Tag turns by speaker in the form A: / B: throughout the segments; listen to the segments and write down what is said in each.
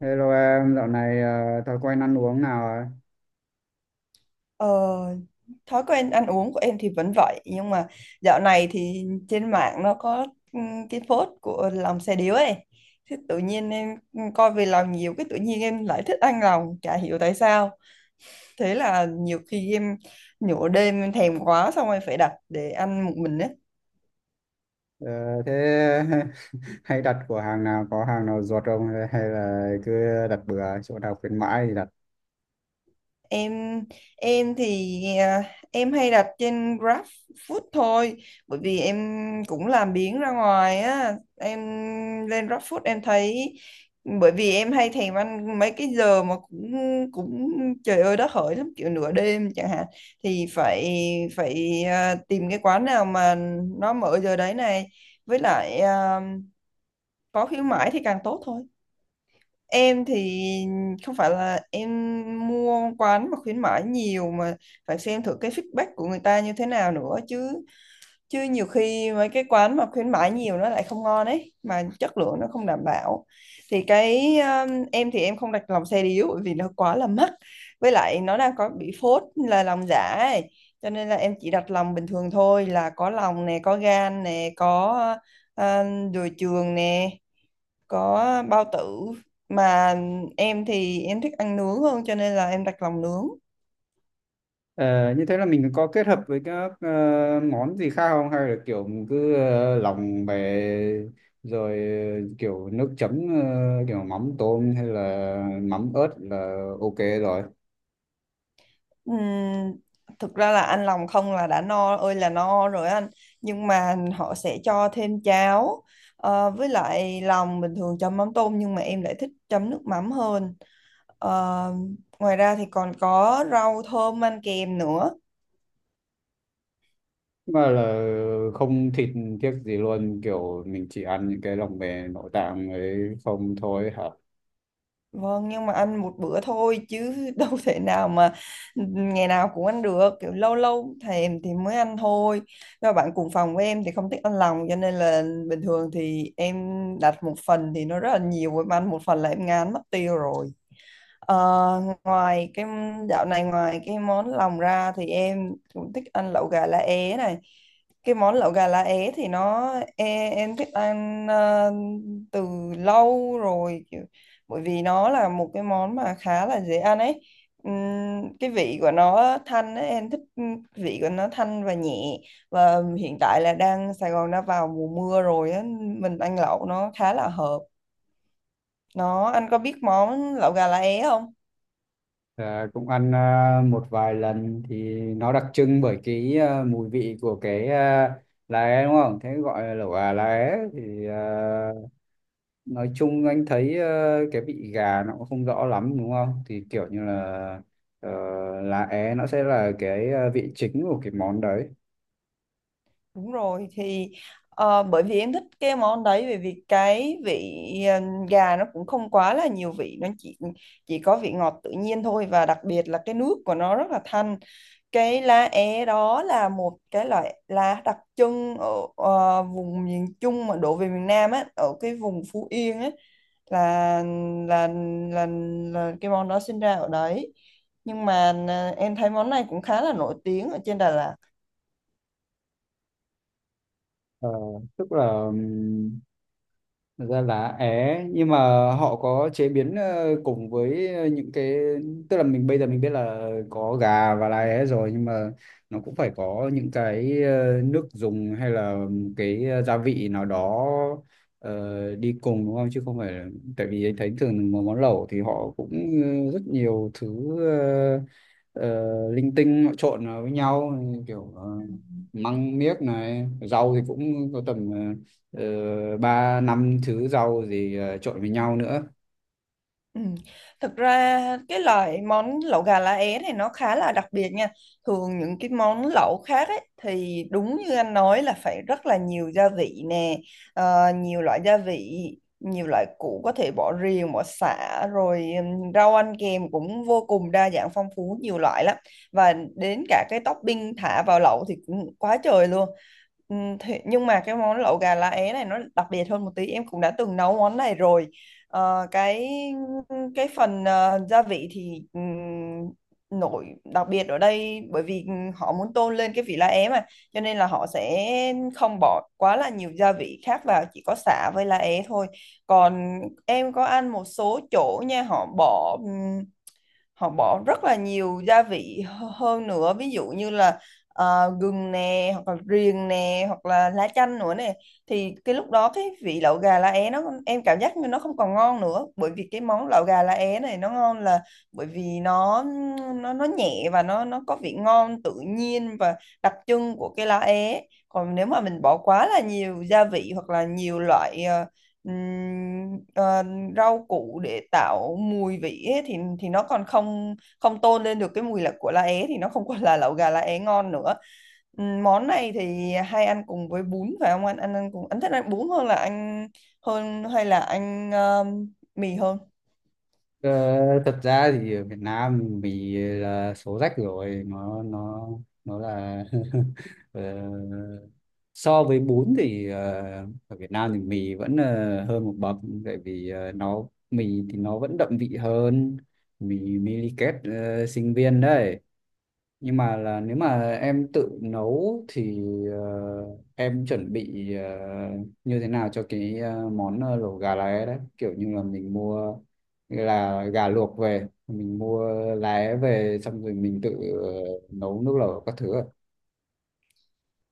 A: Hello em, dạo này thói quen ăn uống nào ạ?
B: Ờ, Thói quen ăn uống của em thì vẫn vậy, nhưng mà dạo này thì trên mạng nó có cái post của lòng xe điếu ấy. Thế tự nhiên em coi về lòng nhiều, cái tự nhiên em lại thích ăn lòng, chả hiểu tại sao. Thế là nhiều khi em, nửa đêm em thèm quá, xong rồi phải đặt để ăn một mình ấy.
A: Ờ, Thế hay đặt của hàng nào, có hàng nào ruột không, hay hay là cứ đặt bừa chỗ nào khuyến mãi thì đặt?
B: Em em thì em hay đặt trên GrabFood thôi, bởi vì em cũng làm biếng ra ngoài á em. Lên GrabFood em thấy, bởi vì em hay thèm ăn mấy cái giờ mà cũng cũng trời ơi đất hỡi lắm, kiểu nửa đêm chẳng hạn, thì phải phải à, tìm cái quán nào mà nó mở giờ đấy này. Với lại có khuyến mãi thì càng tốt thôi. Em thì không phải là em mua quán mà khuyến mãi nhiều, mà phải xem thử cái feedback của người ta như thế nào nữa chứ, chứ nhiều khi mấy cái quán mà khuyến mãi nhiều nó lại không ngon ấy, mà chất lượng nó không đảm bảo. Thì cái em thì em không đặt lòng xe điếu, bởi vì nó quá là mắc, với lại nó đang có bị phốt là lòng giả ấy, cho nên là em chỉ đặt lòng bình thường thôi, là có lòng nè, có gan nè, có uh, đùi trường nè, có bao tử. Mà em thì em thích ăn nướng hơn, cho nên là em đặt lòng nướng.
A: Ờ, như thế là mình có kết hợp với các món gì khác không, hay là kiểu mình cứ lòng về rồi kiểu nước chấm, kiểu mắm tôm hay là mắm ớt là ok rồi?
B: Ừm, Thực ra là ăn lòng không là đã no ơi là no rồi anh, nhưng mà họ sẽ cho thêm cháo. Ờ, với lại lòng bình thường chấm mắm tôm, nhưng mà em lại thích chấm nước mắm hơn. Ờ, Ngoài ra thì còn có rau thơm ăn kèm nữa.
A: Mà là không thịt tiếc gì luôn, kiểu mình chỉ ăn những cái lòng về nội tạng ấy không thôi hả?
B: Vâng, nhưng mà ăn một bữa thôi chứ đâu thể nào mà ngày nào cũng ăn được, kiểu lâu lâu thèm thì mới ăn thôi. Và bạn cùng phòng của em thì không thích ăn lòng, cho nên là bình thường thì em đặt một phần thì nó rất là nhiều, em ăn một phần là em ngán mất tiêu rồi. Ờ, Ngoài cái, dạo này ngoài cái món lòng ra thì em cũng thích ăn lẩu gà lá é này. Cái món lẩu gà lá é thì nó, em thích ăn từ lâu rồi, kiểu, bởi vì nó là một cái món mà khá là dễ ăn ấy. Cái vị của nó thanh ấy, em thích, vị của nó thanh và nhẹ. Và hiện tại là đang Sài Gòn đã vào mùa mưa rồi á, mình ăn lẩu nó khá là hợp. Nó, anh có biết món lẩu gà lá é không?
A: Cũng ăn một vài lần thì nó đặc trưng bởi cái mùi vị của cái lá é đúng không, thế gọi là lẩu gà lá é thì à, nói chung anh thấy cái vị gà nó cũng không rõ lắm đúng không, thì kiểu như là ờ, lá é nó sẽ là cái vị chính của cái món đấy.
B: Đúng rồi thì bởi vì em thích cái món đấy, bởi vì cái vị ờ, gà nó cũng không quá là nhiều vị, nó chỉ có vị ngọt tự nhiên thôi, và đặc biệt là cái nước của nó rất là thanh. Cái lá é đó là một cái loại lá đặc trưng ở vùng miền Trung mà đổ về miền Nam á, ở cái vùng Phú Yên á là là là, là cái món đó sinh ra ở đấy. Nhưng mà em thấy món này cũng khá là nổi tiếng ở trên Đà Lạt.
A: Ờ, tức là thật ra là é, nhưng mà họ có chế biến cùng với những cái, tức là mình bây giờ mình biết là có gà và lá é rồi, nhưng mà nó cũng phải có những cái nước dùng hay là cái gia vị nào đó đi cùng đúng không, chứ không phải là- tại vì anh thấy thường một món lẩu thì họ cũng rất nhiều thứ ờ, linh tinh họ trộn vào với nhau, kiểu măng miếc này, rau thì cũng có tầm ờ, ba năm thứ rau gì trộn với nhau nữa.
B: Ừ. Thực ra cái loại món lẩu gà lá é này nó khá là đặc biệt nha. Thường những cái món lẩu khác ấy, thì đúng như anh nói là phải rất là nhiều gia vị nè, nhiều loại gia vị, nhiều loại củ, có thể bỏ riềng, bỏ sả, rồi rau ăn kèm cũng vô cùng đa dạng phong phú, nhiều loại lắm. Và đến cả cái topping thả vào lẩu thì cũng quá trời luôn. Nhưng mà cái món lẩu gà lá é này nó đặc biệt hơn một tí, em cũng đã từng nấu món này rồi. Ờ, cái phần gia vị thì nổi đặc biệt ở đây, bởi vì họ muốn tôn lên cái vị lá é mà, cho nên là họ sẽ không bỏ quá là nhiều gia vị khác vào, chỉ có sả với lá é thôi. Còn em có ăn một số chỗ nha, họ bỏ rất là nhiều gia vị hơn nữa, ví dụ như là gừng nè, hoặc là riềng nè, hoặc là lá chanh nữa nè, thì cái lúc đó cái vị lẩu gà lá é nó, em cảm giác như nó không còn ngon nữa, bởi vì cái món lẩu gà lá é này nó ngon là bởi vì nó nhẹ, và nó có vị ngon tự nhiên và đặc trưng của cái lá é. Còn nếu mà mình bỏ quá là nhiều gia vị, hoặc là nhiều loại ừm, ờ, rau củ để tạo mùi vị ấy, thì nó còn không không tôn lên được cái mùi là của lá é, thì nó không còn là lẩu gà lá é ngon nữa. Món này thì hay ăn cùng với bún phải không anh? Anh ăn cùng, anh thích ăn bún hơn là anh hơn, hay là anh mì hơn?
A: Ờ, thật ra thì ở Việt Nam mì là số rách rồi, nó nó là ờ, so với bún thì ở Việt Nam thì mì vẫn hơn một bậc, tại vì nó mì thì nó vẫn đậm vị hơn, mì Miliket sinh viên đấy. Nhưng mà là nếu mà em tự nấu thì ờ, em chuẩn bị như thế nào cho cái món lẩu gà lá é đấy, kiểu như là mình mua là gà luộc về, mình mua lá é về xong rồi mình tự ờ, nấu nước lẩu các thứ ạ.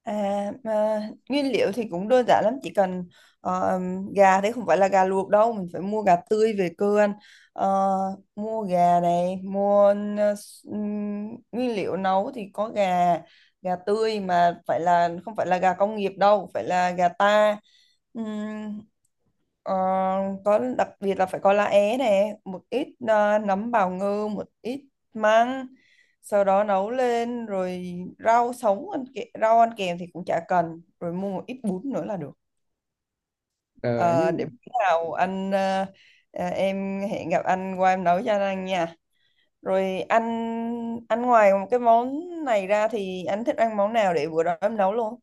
B: À, mà nguyên liệu thì cũng đơn giản lắm, chỉ cần ờ, gà, thế không phải là gà luộc đâu, mình phải mua gà tươi về cơ anh. Ờ, mua gà này, mua nguyên liệu nấu thì có gà, gà tươi mà phải là, không phải là gà công nghiệp đâu, phải là gà ta. Ừm, ờ, có đặc biệt là phải có lá é này, một ít nấm bào ngư, một ít măng, sau đó nấu lên rồi rau sống ăn kè, rau ăn kèm thì cũng chả cần, rồi mua một ít bún nữa là được.
A: Ờ,
B: Ờ, để
A: nhưng
B: bữa nào em hẹn gặp anh qua em nấu cho anh nha, rồi anh, ăn ngoài một cái món này ra thì anh thích ăn món nào để bữa đó em nấu luôn.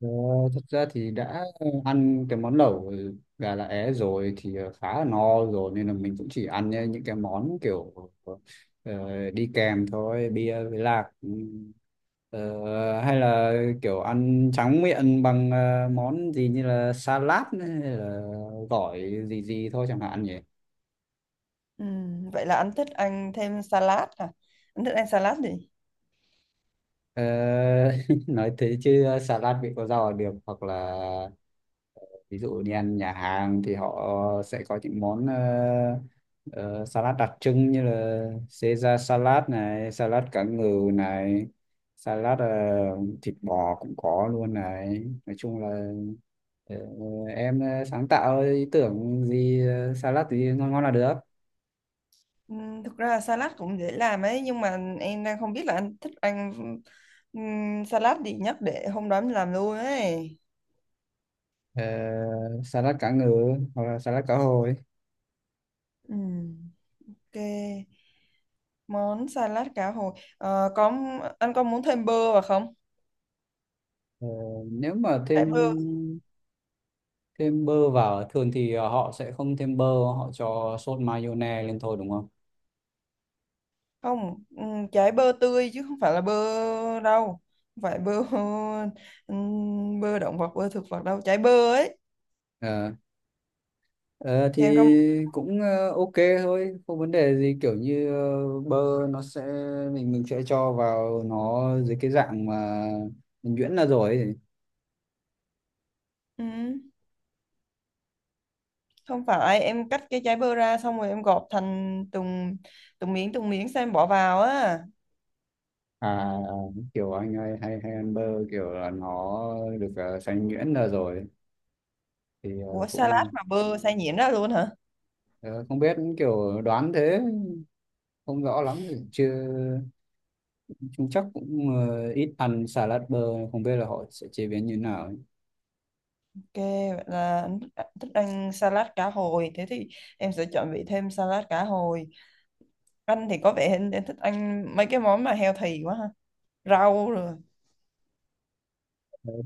A: ờ, thật ra thì đã ăn cái món lẩu gà lá é rồi thì khá là no rồi, nên là mình cũng chỉ ăn những cái món kiểu đi kèm thôi, bia với lạc. Ừ. Hay là kiểu ăn tráng miệng bằng món gì như là salad hay là gỏi gì gì thôi chẳng hạn nhỉ.
B: Vậy là anh thích ăn thêm salad à? Anh thích ăn salad gì?
A: Ờ, nói thế chứ salad vị có rau là được, hoặc là ờ, ví dụ đi ăn nhà hàng thì họ sẽ có những món ờ, salad đặc trưng như là Caesar salad này, salad cá ngừ này, salad thịt bò cũng có luôn này. Nói chung là ờ, em sáng tạo ý tưởng gì salad thì ngon ngon là được.
B: Thực ra là salad cũng dễ làm ấy, nhưng mà em đang không biết là anh thích ăn salad gì nhất để hôm đó em làm luôn ấy.
A: Ờ, salad cá ngừ hoặc là salad cá hồi.
B: Ừm, ok. Món salad cá hồi. Ờ, có, anh có muốn thêm bơ vào không?
A: Ờ, nếu mà thêm
B: Trái bơ.
A: thêm bơ vào à? Thường thì họ sẽ không thêm bơ, họ cho sốt mayonnaise lên thôi đúng không.
B: Không, ừ, trái bơ tươi chứ không phải là bơ đâu. Không phải bơ, ừ, bơ động vật, bơ thực vật đâu, trái bơ ấy.
A: Ờ, ờ, thì
B: Thì anh có,
A: cũng ok thôi, không vấn đề gì, kiểu như bơ nó sẽ mình sẽ cho vào nó dưới cái dạng mà mình nhuyễn ra rồi ấy.
B: ừ, không phải, em cắt cái trái bơ ra xong rồi em gọt thành từng từng miếng, từng miếng, xem bỏ vào á.
A: À kiểu anh hay hay hay ăn bơ kiểu là nó được xay nhuyễn ra rồi thì
B: Ủa salad
A: cũng
B: mà bơ xay nhuyễn đó luôn hả?
A: ờ, không biết kiểu đoán thế, không rõ lắm chưa. Chúng chắc cũng ít ăn salad bơ, không biết là họ sẽ chế biến như thế nào.
B: Ok, vậy là anh thích thích ăn salad cá hồi. Thế thì em sẽ chuẩn bị thêm salad cá hồi. Anh thì có vẻ anh thích ăn mấy cái món mà healthy quá ha. Rau rồi.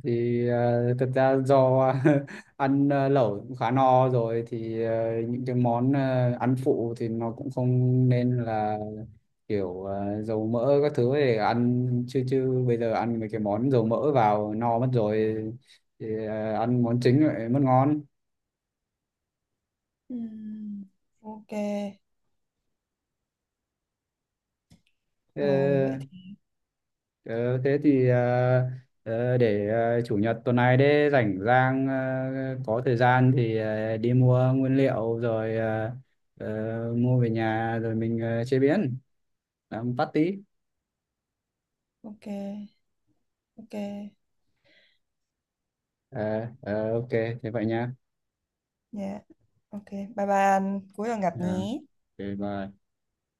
A: Thì thực ra do ăn lẩu cũng khá no rồi, thì những cái món ăn phụ thì nó cũng không, nên là kiểu dầu mỡ các thứ để ăn, chứ chứ bây giờ ăn mấy cái món dầu mỡ vào no mất rồi, thì ăn món chính lại mất ngon.
B: Ừm, Ok.
A: Ờ,
B: Rồi vậy thì
A: ờ, thế thì để chủ nhật tuần này đấy rảnh rang, có thời gian thì đi mua nguyên liệu rồi mua về nhà rồi mình chế biến làm patty.
B: ok. Ok.
A: Ờ, ok thế vậy nha.
B: Dạ. Ok. Bye bye anh. Cuối tuần
A: Ờ,
B: gặp nhé.
A: ok, bye.